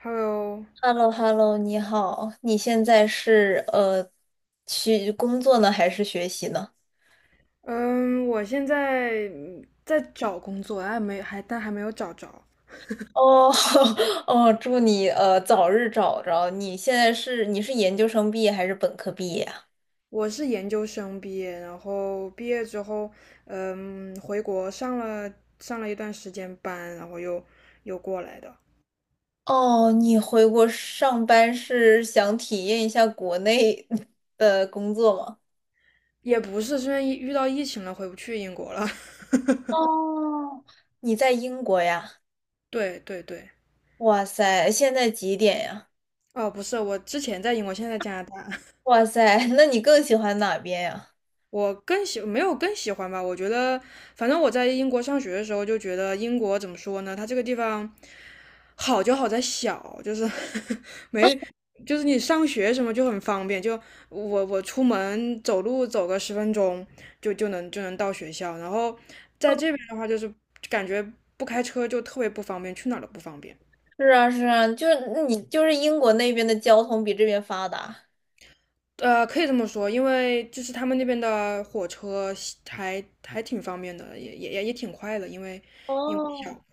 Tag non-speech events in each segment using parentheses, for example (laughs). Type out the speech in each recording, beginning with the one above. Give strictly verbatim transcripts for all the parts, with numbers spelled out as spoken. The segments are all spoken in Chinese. Hello,h e l l o h e l l o 你好，你现在是呃去工作呢，还是学习呢？嗯，我现在嗯在找工作，还没还但还没有找着。哦。 (laughs) 哦，祝你呃早日找着。你现在是你是研究生毕业还是本科毕业啊？我是研究生毕业，然后毕业之后，嗯，回国上了上了一段时间班，然后又又过来的，哦，你回国上班是想体验一下国内 (laughs) 的工作吗？也不是是因为疫遇到疫情了，回不去英国了。(laughs) 哦，你在英国呀？对对对，哇塞，现在几点呀？哦，不是，我之前在英国，现在在加拿大。哇塞，那你更喜欢哪边呀？我更喜没有更喜欢吧，我觉得反正我在英国上学的时候就觉得英国怎么说呢，它这个地方好就好在小，就是 (laughs) 没就是你上学什么就很方便，就我我出门走路走个十分钟就就能就能到学校，然后在这边的话就是感觉不开车就特别不方便，去哪儿都不方便。是啊，是啊，就是你就是英国那边的交通比这边发达。呃，可以这么说，因为就是他们那边的火车还还挺方便的，也也也也挺快的，因为因为哦，小。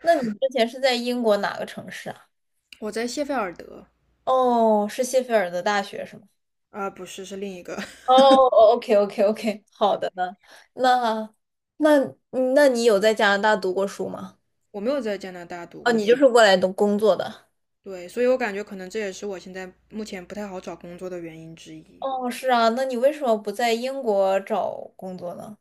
那你之前是在英国哪个城市啊？我在谢菲尔德，哦，是谢菲尔德大学是吗？啊、不是，是另一个，哦 (laughs) ，OK，OK，OK，好的呢。那那那你有在加拿大读过书吗？我没有在加拿大读哦，过你就书，是过来读工作的。对，所以我感觉可能这也是我现在目前不太好找工作的原因之一。哦，是啊，那你为什么不在英国找工作呢？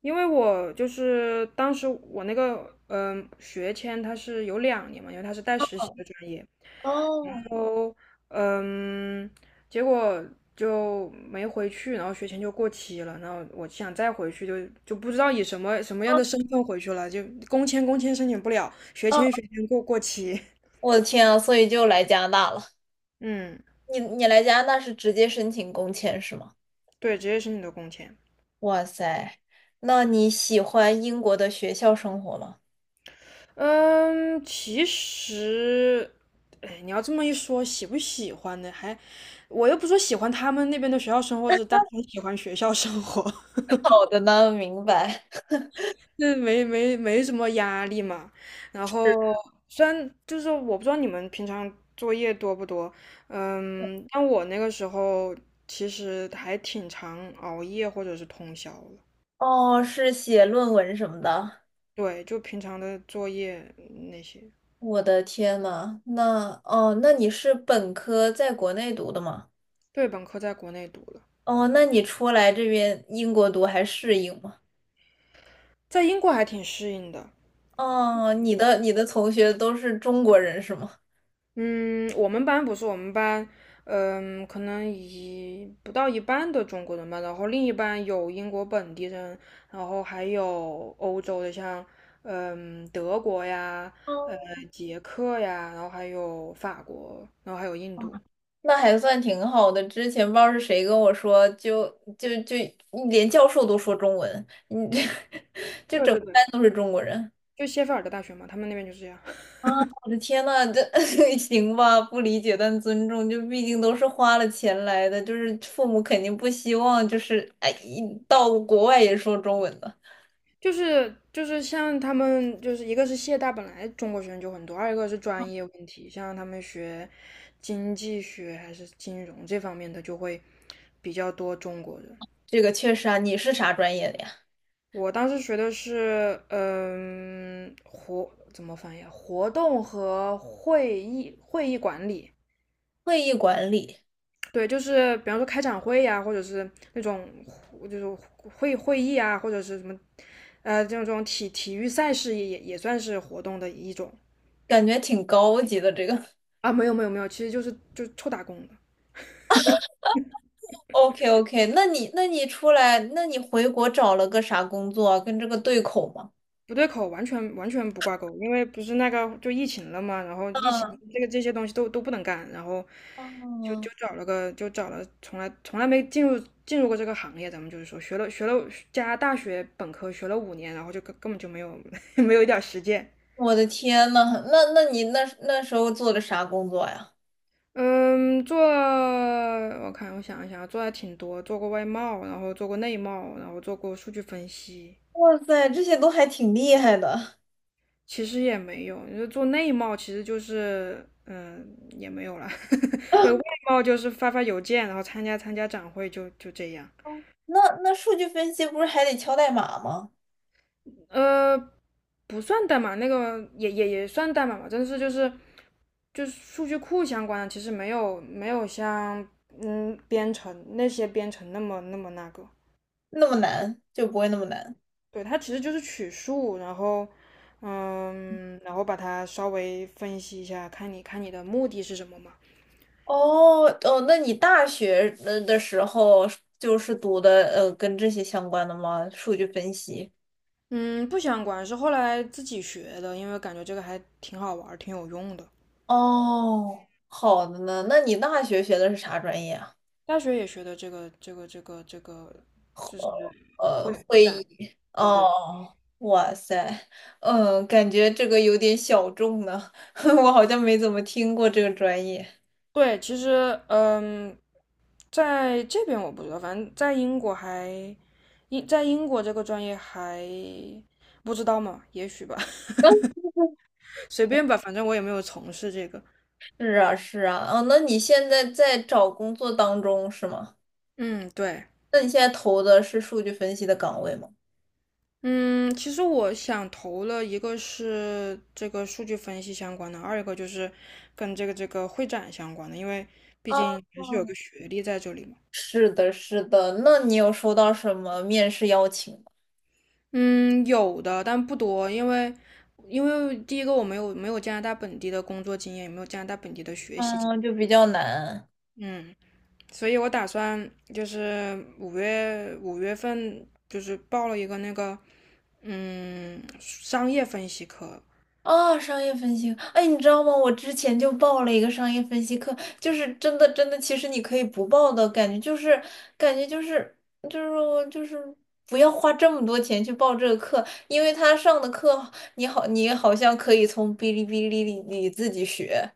因为我就是当时我那个嗯、呃学签它是有两年嘛，因为它是带实习的专业，然哦，后嗯结果就没回去，然后学签就过期了，然后我想再回去就就不知道以什么什么样的身份回去了，就工签工签申请不了，学哦，签学签过过期，我的天啊，所以就来加拿大了。(laughs) 嗯你你来加拿大是直接申请工签是吗？对，直接申请的工签。哇塞，那你喜欢英国的学校生活吗？嗯，其实，哎，你要这么一说，喜不喜欢呢？还，我又不说喜欢他们那边的学校生活，只是单纯喜欢学校生活，(laughs) 好的呢，明白。那没没没什么压力嘛。然后，虽然就是我不知道你们平常作业多不多，嗯，但我那个时候其实还挺常熬夜或者是通宵了。哦，是写论文什么的。对，就平常的作业那些。我的天呐，那哦，那你是本科在国内读的吗？对，本科在国内读了，哦，那你出来这边英国读还适应吗？在英国还挺适应的。哦，你的你的同学都是中国人是吗？嗯，我们班不是我们班，嗯，可能一不到一半的中国人吧，然后另一半有英国本地人，然后还有欧洲的，像嗯德国呀，呃哦，捷克呀，然后还有法国，然后还有印度。那还算挺好的。之前不知道是谁跟我说，就就就连教授都说中文，你这 (laughs) 一对对对，般都是中国人。就谢菲尔德大学嘛，他们那边就是这样。啊，我的天呐，这 (laughs) 行吧？不理解但尊重，就毕竟都是花了钱来的，就是父母肯定不希望，就是哎，一到国外也说中文的。就是就是像他们就是一个是谢大本来中国学生就很多，二一个是专业问题，像他们学经济学还是金融这方面的就会比较多中国人。这个确实啊，你是啥专业的呀？我当时学的是嗯活怎么翻译啊？活动和会议会议管理。会议管理，对，就是比方说开展会呀、或者是那种就是会会议啊，或者是什么，呃，这种这种体体育赛事也也算是活动的一种。感觉挺高级的这个。啊，没有没有没有，其实就是就臭打工的，OK OK,那你那你出来，那你回国找了个啥工作啊跟这个对口吗？不对口，完全完全不挂钩，因为不是那个就疫情了嘛，然后疫情嗯，这个这些东西都都不能干，然后就哦，就找了个就找了从来从来没进入进入过这个行业，咱们就是说学了学了加拿大学本科学了五年，然后就根根本就没有 (laughs) 没有一点儿实践。我的天呐，那那你那那时候做的啥工作呀？嗯，做我看我想一想，做还挺多，做过外贸，然后做过内贸，然后做过数据分析，哇塞，这些都还挺厉害的。其实也没有，你说做内贸其实就是，嗯，也没有了。(laughs) 呃，外贸就是发发邮件，然后参加参加展会就，就这样。那那数据分析不是还得敲代码吗？呃，不算代码，那个也也也算代码吧，但是就是就是数据库相关的，其实没有没有像嗯编程那些编程那么那么那个。那么难就不会那么难。对，它其实就是取数，然后嗯，然后把它稍微分析一下，看你看你的目的是什么嘛。哦哦，那你大学的的时候就是读的呃跟这些相关的吗？数据分析。嗯，不想管是后来自己学的，因为感觉这个还挺好玩儿，挺有用的。哦，好的呢。那你大学学的是啥专业啊？大学也学的这个这个这个这个，就是呃，会会会展，议。对对哦，哇塞，嗯，感觉这个有点小众呢，(laughs) 我好像没怎么听过这个专业。对。其实，嗯，在这边我不知道，反正在英国还英在英国这个专业还不知道嘛，也许吧，(laughs) (laughs) 随便吧，反正我也没有从事这个。是啊，是啊，哦，那你现在在找工作当中是吗？嗯，对。那你现在投的是数据分析的岗位吗？嗯，其实我想投了一个是这个数据分析相关的，二一个就是跟这个这个会展相关的，因为毕啊，竟还是有个学历在这里嘛。是的，是的。那你有收到什么面试邀请吗？嗯，有的，但不多，因为因为第一个我没有没有加拿大本地的工作经验，也没有加拿大本地的学习经嗯，就验，比较难。嗯，所以我打算就是五月五月份就是报了一个那个嗯商业分析课，啊，商业分析课，哎，你知道吗？我之前就报了一个商业分析课，就是真的真的，其实你可以不报的感觉，就是感觉就是就是我就是不要花这么多钱去报这个课，因为他上的课你好你好像可以从哔哩哔哩里里自己学。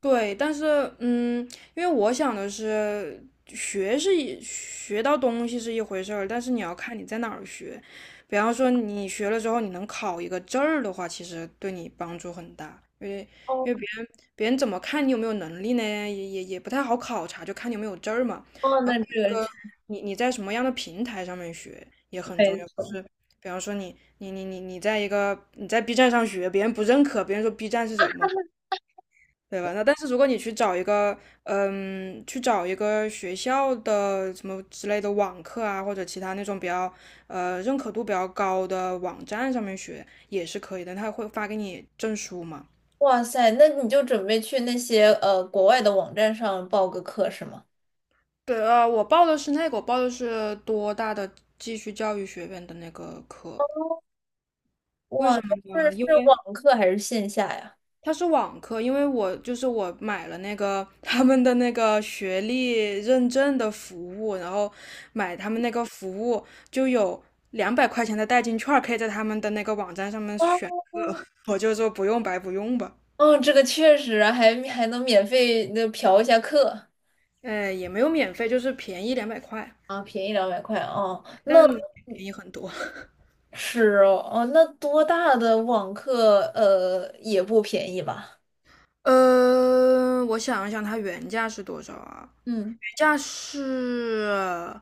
对，但是嗯，因为我想的是，学是一学到东西是一回事儿，但是你要看你在哪儿学。比方说你学了之后，你能考一个证儿的话，其实对你帮助很大，因为哦因为别人别人怎么看你有没有能力呢？也也也不太好考察，就看你有没有证儿嘛。哦，然那后这个你你在什么样的平台上面学也很重没要，就错。是比方说你你你你你在一个你在 B 站上学，别人不认可，别人说 B 站是什么？对吧？那但是如果你去找一个，嗯，去找一个学校的什么之类的网课啊，或者其他那种比较呃认可度比较高的网站上面学也是可以的，他会发给你证书嘛？哇塞，那你就准备去那些呃国外的网站上报个课是吗？对，呃，我报的是那个，我报的是多大的继续教育学院的那个课，为哇，什么是呢？是因为网课还是线下呀？它是网课，因为我就是我买了那个他们的那个学历认证的服务，然后买他们那个服务就有两百块钱的代金券，可以在他们的那个网站上面选。我就说不用白不用吧，哦，这个确实啊还还能免费那嫖一下课呃，也没有免费，就是便宜两百块，啊，便宜两百块哦，但那便宜很多。是哦，哦，那多大的网课呃也不便宜吧？呃，我想一想，它原价是多少啊？嗯，原价是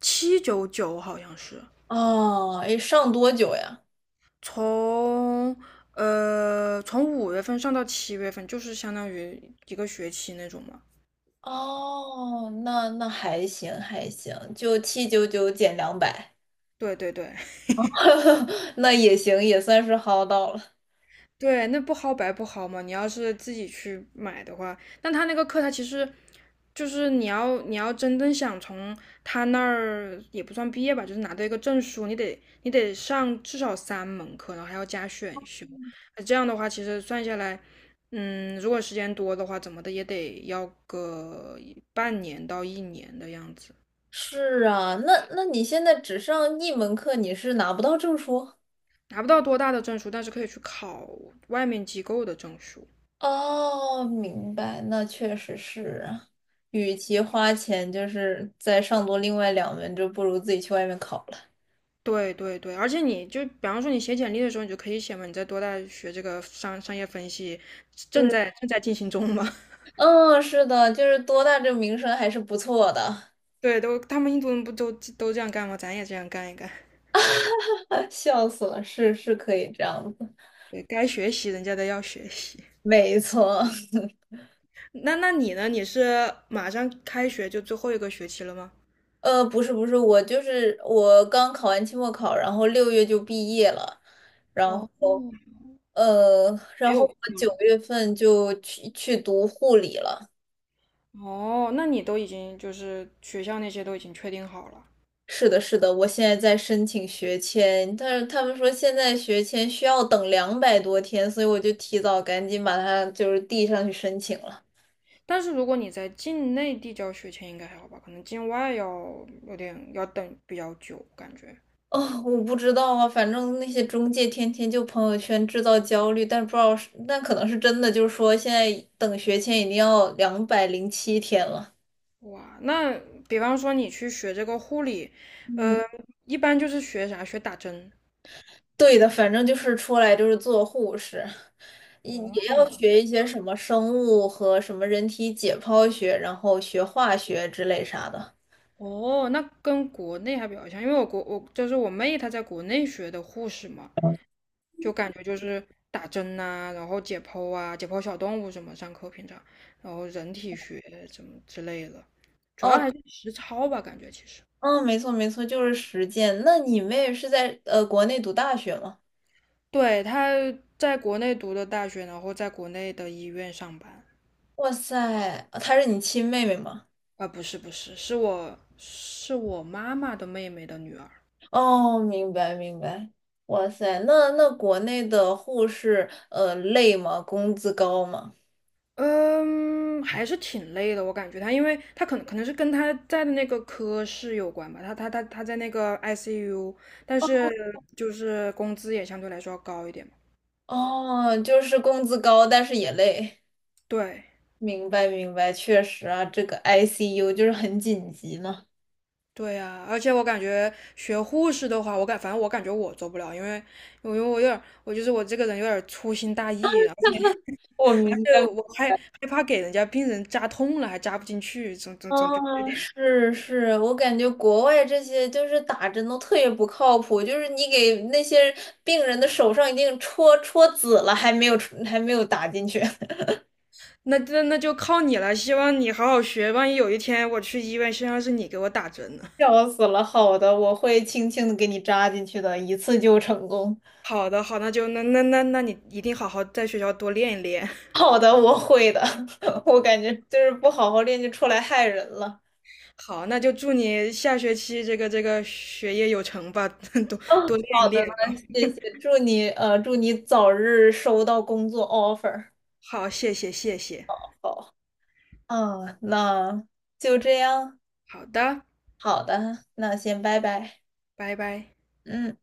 七九九，好像是。哦，诶，上多久呀？从呃从五月份上到七月份，就是相当于一个学期那种嘛。哦，那那还行还行，就七九九减两百，对对对 (laughs) (laughs) 那也行，也算是薅到了。对，那不薅白不薅嘛。你要是自己去买的话，但他那个课，他其实就是你要你要真正想从他那儿也不算毕业吧，就是拿到一个证书，你得你得上至少三门课，然后还要加选修。那这样的话，其实算下来，嗯，如果时间多的话，怎么的也得要个半年到一年的样子。是啊，那那你现在只上一门课，你是拿不到证书？拿不到多大的证书，但是可以去考外面机构的证书。哦，明白，那确实是啊。与其花钱就是再上多另外两门，就不如自己去外面考了。对对对，而且你就比方说你写简历的时候，你就可以写嘛，你在多大学这个商商业分析，正对，在正在进行中嘛。(laughs) 嗯，是的，就是多大这个名声还是不错的，对，都他们印度人不都都这样干吗？咱也这样干一干。(laughs) 笑死了，是是可以这样子，对，该学习人家的要学习。没错。(laughs) 那那你呢？你是马上开学就最后一个学期了吗？呃，不是不是，我就是我刚考完期末考，然后六月就毕业了，然哦，后呃，没然后有课我九了。月份就去去读护理了。哦，那你都已经就是学校那些都已经确定好了。是的，是的，我现在在申请学签，但是他们说现在学签需要等两百多天，所以我就提早赶紧把它就是递上去申请了。但是如果你在境内递交学签应该还好吧，可能境外要有点要等比较久，感觉。哦，我不知道啊，反正那些中介天天就朋友圈制造焦虑，但不知道是，但可能是真的，就是说现在等学签已经要两百零七天了。哇，那比方说你去学这个护理，嗯，呃，一般就是学啥？学打针。对的，反正就是出来就是做护士，也也要哦，学一些什么生物和什么人体解剖学，然后学化学之类啥的。哦，那跟国内还比较像，因为我国我就是我妹她在国内学的护士嘛，就感觉就是打针呐、然后解剖啊，解剖小动物什么，上课平常，然后人体学什么之类的，主要哦，还是实操吧，感觉其实。嗯，没错没错，就是实践。那你妹是在呃国内读大学吗？对，他在国内读的大学，然后在国内的医院上班。哇塞，她是你亲妹妹吗？啊，不是不是，是我是我妈妈的妹妹的女儿。哦，明白明白。哇塞，那那国内的护士呃累吗？工资高吗？嗯，还是挺累的，我感觉她，因为她可能可能是跟她在的那个科室有关吧，她她她她在那个 I C U,但是就是工资也相对来说要高一点嘛。哦，就是工资高，但是也累。对明白明白，确实啊，这个 I C U 就是很紧急呢。对呀，而且我感觉学护士的话，我感反正我感觉我做不了，因为因为我有点我就是我这个人有点粗心大意，我而明且白。我害害怕给人家病人扎痛了，还扎不进去，总总总觉得有啊，点。是是，我感觉国外这些就是打针都特别不靠谱，就是你给那些病人的手上已经戳戳紫了，还没有还没有打进去，那那那就靠你了，希望你好好学，万一有一天我去医院，身上是你给我打针呢。(laughs) (laughs) 笑死了。好的，我会轻轻的给你扎进去的，一次就成功。好的，好，那就那那那那你一定好好在学校多练一练。好的，我会的。(laughs) 我感觉就是不好好练就出来害人了。(laughs) 好，那就祝你下学期这个这个学业有成吧，(laughs) 多嗯，多练一好的，练那啊。谢谢，祝你呃祝你早日收到工作 offer。好，谢谢谢谢。好，嗯，那就这样。好的，好的，那先拜拜。拜拜。嗯。